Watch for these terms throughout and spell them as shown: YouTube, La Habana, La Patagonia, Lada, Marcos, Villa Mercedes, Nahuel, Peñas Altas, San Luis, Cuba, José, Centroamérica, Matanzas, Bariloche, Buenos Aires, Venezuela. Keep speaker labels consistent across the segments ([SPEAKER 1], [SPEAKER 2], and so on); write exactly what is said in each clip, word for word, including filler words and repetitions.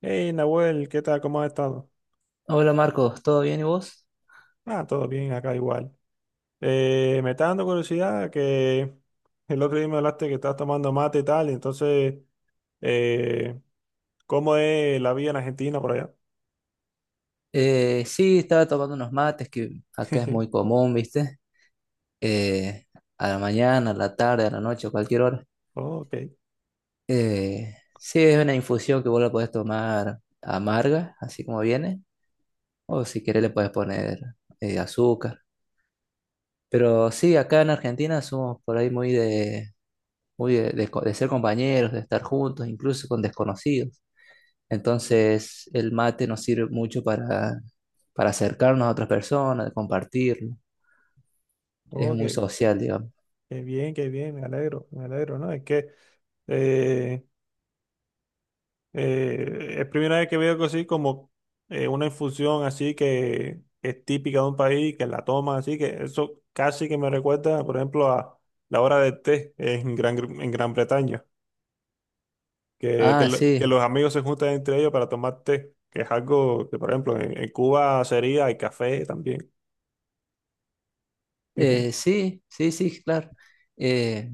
[SPEAKER 1] Hey, Nahuel, ¿qué tal? ¿Cómo has estado?
[SPEAKER 2] Hola Marcos, ¿todo bien y vos?
[SPEAKER 1] Ah, todo bien, acá igual. Eh, me está dando curiosidad que el otro día me hablaste que estás tomando mate y tal, entonces, eh, ¿cómo es la vida en Argentina por allá?
[SPEAKER 2] Eh, sí, estaba tomando unos mates que acá es muy común, ¿viste? Eh, a la mañana, a la tarde, a la noche, a cualquier hora.
[SPEAKER 1] Ok,
[SPEAKER 2] Eh, sí, es una infusión que vos la podés tomar amarga, así como viene, o si querés le podés poner eh, azúcar. Pero sí, acá en Argentina somos por ahí muy de, muy de de co- de ser compañeros, de estar juntos, incluso con desconocidos. Entonces, el mate nos sirve mucho para, para acercarnos a otras personas, compartir. Es
[SPEAKER 1] ok,
[SPEAKER 2] muy social, digamos.
[SPEAKER 1] qué bien, qué bien, me alegro, me alegro, ¿no? Es que eh, Eh, es primera vez que veo algo así como eh, una infusión así que es típica de un país, que la toman así, que eso casi que me recuerda, por ejemplo, a la hora del té en Gran, en Gran Bretaña, que, que,
[SPEAKER 2] Ah,
[SPEAKER 1] lo- que los
[SPEAKER 2] sí,
[SPEAKER 1] amigos se juntan entre ellos para tomar té, que es algo que, por ejemplo, en, en Cuba sería el café también.
[SPEAKER 2] eh, sí, sí, sí, claro. Eh,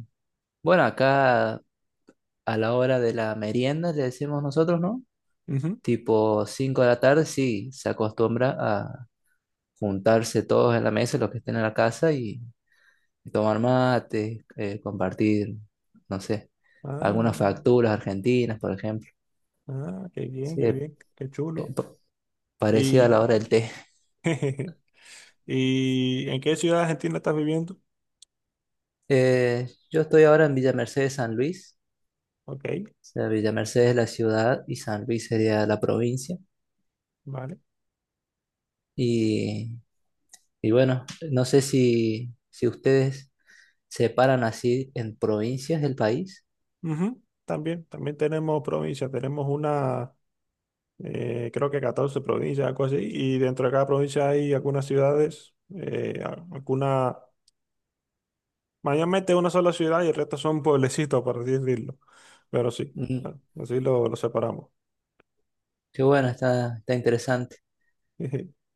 [SPEAKER 2] bueno, acá a la hora de la merienda, le decimos nosotros, ¿no?
[SPEAKER 1] Ujú.
[SPEAKER 2] Tipo cinco de la tarde, sí, se acostumbra a juntarse todos en la mesa, los que estén en la casa, y, y tomar mate, eh, compartir, no sé,
[SPEAKER 1] Ah,
[SPEAKER 2] algunas facturas argentinas, por ejemplo.
[SPEAKER 1] ah, qué bien,
[SPEAKER 2] Sí,
[SPEAKER 1] qué bien, qué
[SPEAKER 2] eh,
[SPEAKER 1] chulo.
[SPEAKER 2] parecida a
[SPEAKER 1] ¿Y,
[SPEAKER 2] la hora del té.
[SPEAKER 1] ¿y en qué ciudad de Argentina estás viviendo?
[SPEAKER 2] Eh, yo estoy ahora en Villa Mercedes, San Luis.
[SPEAKER 1] Ok,
[SPEAKER 2] O sea, Villa Mercedes es la ciudad y San Luis sería la provincia.
[SPEAKER 1] vale.
[SPEAKER 2] Y, y bueno, no sé si, si ustedes separan así en provincias del país.
[SPEAKER 1] Ujú, también, también tenemos provincias, tenemos una, eh, creo que catorce provincias, algo así, y dentro de cada provincia hay algunas ciudades, eh, a- alguna, mayormente una sola ciudad y el resto son pueblecitos, por así decirlo, pero sí,
[SPEAKER 2] Mm,
[SPEAKER 1] bueno, así lo, lo separamos.
[SPEAKER 2] qué bueno, está, está interesante.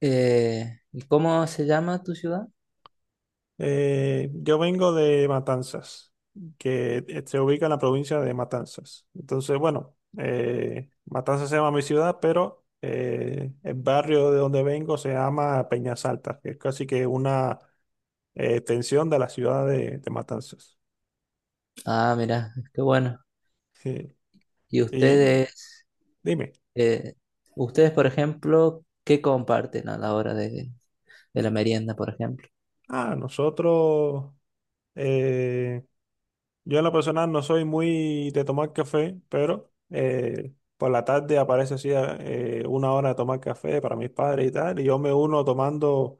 [SPEAKER 2] Eh, ¿y cómo se llama tu ciudad?
[SPEAKER 1] Eh, yo vengo de Matanzas, que eh, se ubica en la provincia de Matanzas. Entonces, bueno, eh, Matanzas se llama mi ciudad, pero eh, el barrio de donde vengo se llama Peñas Altas, que es casi que una eh, extensión de la ciudad de, de Matanzas.
[SPEAKER 2] Ah, mira, qué bueno.
[SPEAKER 1] Sí.
[SPEAKER 2] ¿Y
[SPEAKER 1] Y
[SPEAKER 2] ustedes,
[SPEAKER 1] dime,
[SPEAKER 2] eh, ustedes, por ejemplo, ¿qué comparten a la hora de, de la merienda, por ejemplo?
[SPEAKER 1] ah, nosotros, eh, yo en lo personal no soy muy de tomar café, pero eh, por la tarde aparece así eh, eh, una hora de tomar café para mis padres y tal, y yo me uno tomando,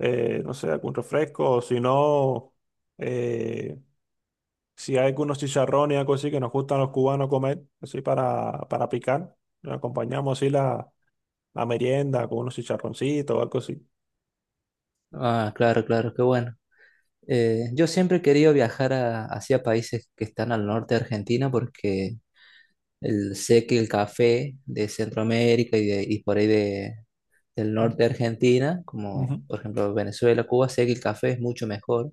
[SPEAKER 1] eh, no sé, algún refresco, o si no, eh, si hay algunos chicharrones y algo así que nos gustan los cubanos comer, así para, para picar, nos acompañamos así la, la merienda con unos chicharroncitos o algo así.
[SPEAKER 2] Ah, claro, claro, qué bueno. Eh, yo siempre he querido viajar a- hacia países que están al norte de Argentina porque el, sé que el café de Centroamérica y, de, y por ahí de, del
[SPEAKER 1] Mm,
[SPEAKER 2] norte de Argentina, como
[SPEAKER 1] ujú,
[SPEAKER 2] por ejemplo Venezuela, Cuba, sé que el café es mucho mejor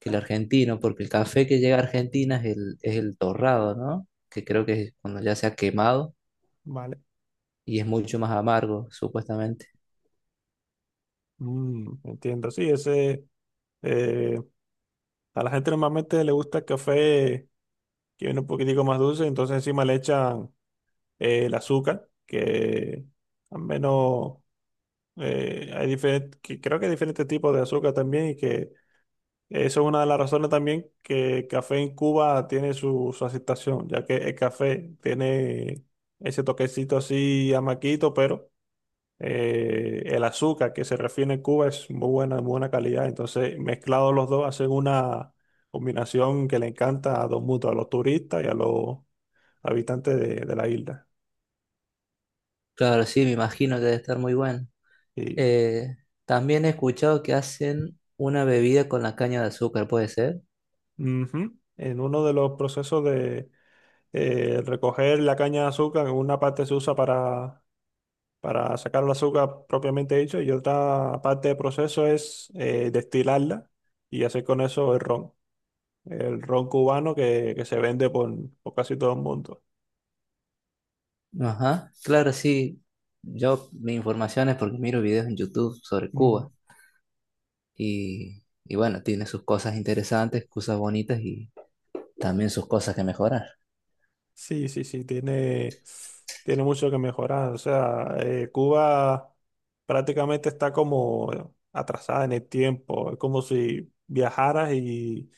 [SPEAKER 2] que el argentino porque el café que llega a Argentina es el, es el torrado, ¿no? Que creo que es cuando ya se ha quemado
[SPEAKER 1] vale,
[SPEAKER 2] y es mucho más amargo, supuestamente.
[SPEAKER 1] mm, entiendo, sí, ese... eh, a la gente normalmente le gusta el café que viene un poquitico más dulce, entonces encima le echan eh, el azúcar, que al menos eh, hay diferentes, creo que hay diferentes tipos de azúcar también y que eso es una de las razones también que el café en Cuba tiene su, su aceptación, ya que el café tiene ese toquecito así amaquito, pero eh, el azúcar que se refiere en Cuba es muy buena, muy buena calidad, entonces mezclados los dos hacen una combinación que le encanta a dos mutuos, a los turistas y a los habitante de, de la isla.
[SPEAKER 2] Claro, sí, me imagino que debe estar muy bueno.
[SPEAKER 1] Y
[SPEAKER 2] Eh, También he escuchado que hacen una bebida con la caña de azúcar, ¿puede ser?
[SPEAKER 1] ujú, en uno de los procesos de eh, recoger la caña de azúcar, una parte se usa para, para sacar el azúcar propiamente dicho y otra parte del proceso es eh, destilarla y hacer con eso el ron, el ron cubano que, que se vende por, por casi todo el mundo.
[SPEAKER 2] Ajá, claro, sí. Yo, mi información es porque miro videos en YouTube sobre
[SPEAKER 1] Mm.
[SPEAKER 2] Cuba y, y bueno, tiene sus cosas interesantes, cosas bonitas y también sus cosas que mejorar.
[SPEAKER 1] Sí, sí, sí, tiene, tiene mucho que mejorar. O sea, eh, Cuba prácticamente está como atrasada en el tiempo. Es como si viajaras y,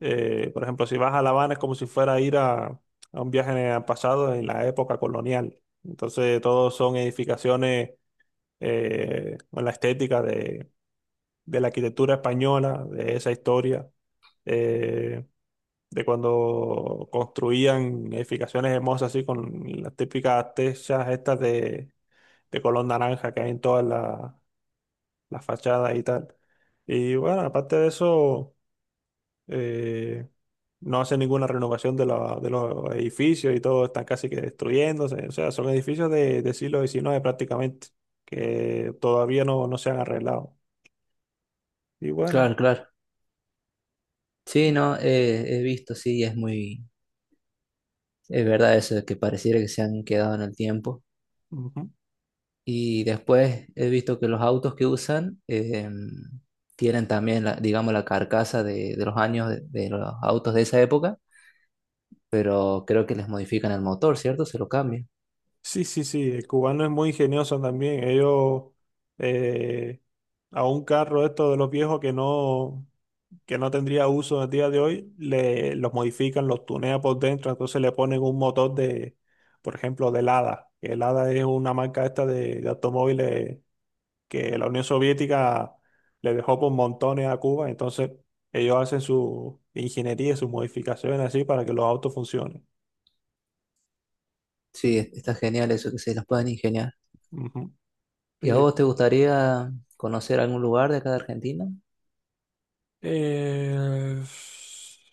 [SPEAKER 1] eh, por ejemplo, si vas a La Habana es como si fuera a ir a, a un viaje en el pasado en la época colonial. Entonces, todos son edificaciones eh, con la estética de, de la arquitectura española, de esa historia. Eh, de cuando construían edificaciones hermosas así con las típicas techas estas de, de color naranja que hay en todas las las fachadas y tal. Y bueno, aparte de eso, eh, no hacen ninguna renovación de, la- de los edificios y todo están casi que destruyéndose. O sea, son edificios de, de siglo diecinueve prácticamente, que todavía no, no se han arreglado. Y bueno,
[SPEAKER 2] Claro, claro. Sí, no, eh, he visto, sí, es muy, es verdad eso de que pareciera que se han quedado en el tiempo.
[SPEAKER 1] ujú.
[SPEAKER 2] Y después he visto que los autos que usan em, tienen también, la, digamos, la carcasa de, de los años de, de los autos de esa época, pero creo que les modifican el motor, ¿cierto? Se lo cambian.
[SPEAKER 1] Sí, sí, sí, el cubano es muy ingenioso también. Ellos eh, a un carro esto de los viejos que no, que no tendría uso en el día de hoy, le, los modifican, los tunean por dentro, entonces le ponen un motor de, por ejemplo, del Lada. Que el Lada es una marca esta de, de automóviles que la Unión Soviética le dejó por montones a Cuba, entonces ellos hacen su ingeniería, sus modificaciones así para que los autos funcionen.
[SPEAKER 2] Sí, es- está genial eso, que se los puedan ingeniar.
[SPEAKER 1] Ujú.
[SPEAKER 2] ¿Y a
[SPEAKER 1] Sí,
[SPEAKER 2] vos te gustaría conocer algún lugar de acá de Argentina?
[SPEAKER 1] Eh,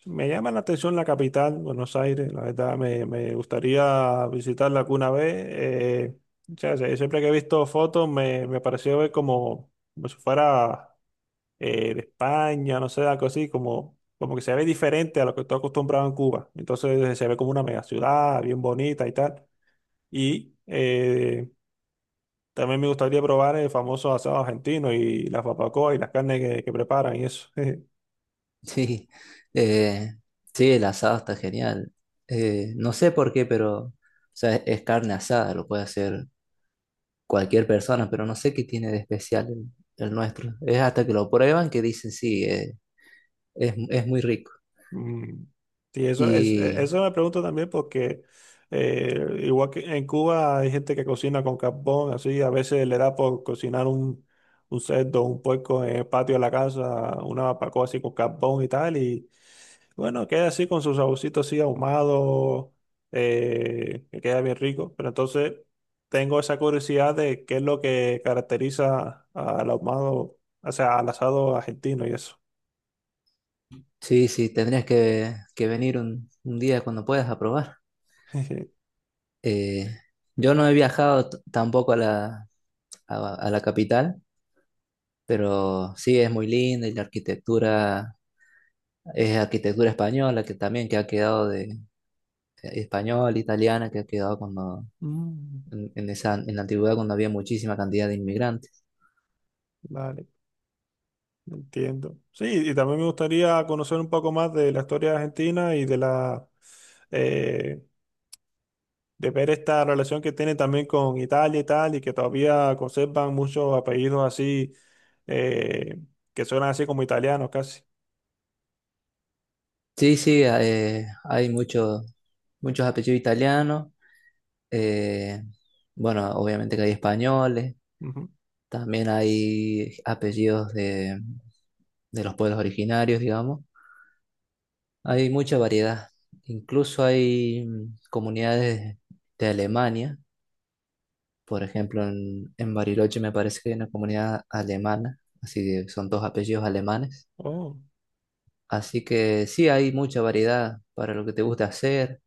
[SPEAKER 1] me llama la atención la capital, Buenos Aires, la verdad, me, me gustaría visitarla alguna vez. Eh, o sea, se- siempre que he visto fotos me, me pareció ver como, como si fuera eh, de España, no sé, algo así, como, como que se ve diferente a lo que estoy acostumbrado en Cuba. Entonces se ve como una mega ciudad, bien bonita y tal. Y eh, también me gustaría probar el famoso asado argentino y las barbacoas y las carnes que, que preparan y eso.
[SPEAKER 2] Sí, eh, sí, el asado está genial. Eh, no sé por qué, pero o sea, es carne asada, lo puede hacer cualquier persona, pero no sé qué tiene de especial el, el nuestro. Es hasta que lo prueban que dicen, sí, eh, es, es muy rico.
[SPEAKER 1] Mm, sí, eso es, e-
[SPEAKER 2] Y
[SPEAKER 1] eso me pregunto también porque eh, igual que en Cuba hay gente que cocina con carbón, así a veces le da por cocinar un, un cerdo, un puerco en el patio de la casa, una barbacoa así con carbón y tal, y bueno, queda así con su saborcito así ahumado, eh, que queda bien rico, pero entonces tengo esa curiosidad de qué es lo que caracteriza al ahumado, o sea, al asado argentino y eso.
[SPEAKER 2] sí, sí, tendrías que, que venir un, un día cuando puedas a probar. Eh, yo no he viajado t- tampoco a la, a, a la capital, pero sí es muy linda y la arquitectura es arquitectura española, que también que ha quedado de español, italiana, que ha quedado cuando,
[SPEAKER 1] Mm,
[SPEAKER 2] en, en esa, en la antigüedad cuando había muchísima cantidad de inmigrantes.
[SPEAKER 1] vale. Entiendo. Sí, y también me gustaría conocer un poco más de la historia de Argentina y de la eh, de ver esta relación que tiene también con Italia y tal, y que todavía conservan muchos apellidos así eh, que suenan así como italianos casi.
[SPEAKER 2] Sí, sí, eh, hay muchos muchos apellidos italianos. eh, bueno, obviamente que hay españoles.
[SPEAKER 1] Ujú.
[SPEAKER 2] También hay apellidos de, de los pueblos originarios, digamos. Hay mucha variedad. Incluso hay mm, comunidades de Alemania. Por ejemplo, en, en Bariloche me parece que hay una comunidad alemana. Así que son dos apellidos alemanes.
[SPEAKER 1] Oh,
[SPEAKER 2] Así que sí, hay mucha variedad para lo que te gusta hacer.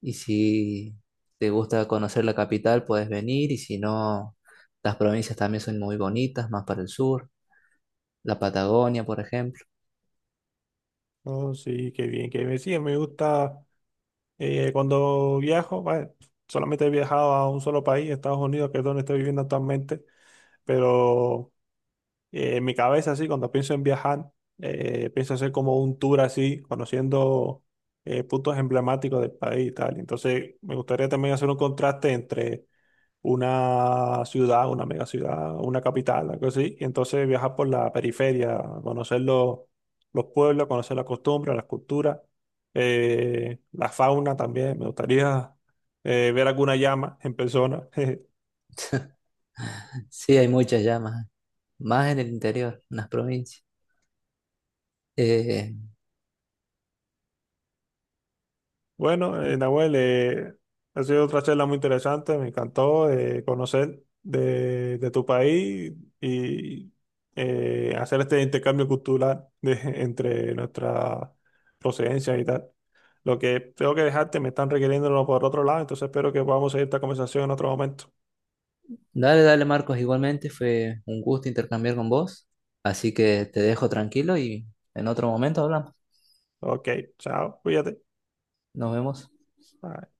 [SPEAKER 2] Y si te gusta conocer la capital, puedes venir. Y si no, las provincias también son muy bonitas, más para el sur. La Patagonia, por ejemplo.
[SPEAKER 1] oh, sí, qué bien, qué bien. Sí, me gusta eh, cuando viajo, bueno, solamente he viajado a un solo país, Estados Unidos, que es donde estoy viviendo actualmente, pero eh, en mi cabeza, así, cuando pienso en viajar, eh, pienso hacer como un tour así, conociendo eh, puntos emblemáticos del país y tal. Entonces, me gustaría también hacer un contraste entre una ciudad, una mega ciudad, una capital, algo así, y entonces viajar por la periferia, conocer los, los pueblos, conocer las costumbres, las culturas, eh, la fauna también. Me gustaría eh, ver alguna llama en persona.
[SPEAKER 2] Sí, hay muchas llamas, más en el interior, en las provincias. Eh,
[SPEAKER 1] Bueno, eh, Nahuel, eh, ha sido otra charla muy interesante, me encantó eh, conocer de, de tu país y eh, hacer este intercambio cultural de- entre nuestras procedencias y tal. Lo que tengo que dejarte, me están requiriéndolo por otro lado, entonces espero que podamos seguir esta conversación en otro momento.
[SPEAKER 2] Dale, dale, Marcos, igualmente fue un gusto intercambiar con vos. Así que te dejo tranquilo y en otro momento hablamos.
[SPEAKER 1] Ok, chao, cuídate.
[SPEAKER 2] Nos vemos.
[SPEAKER 1] Bye.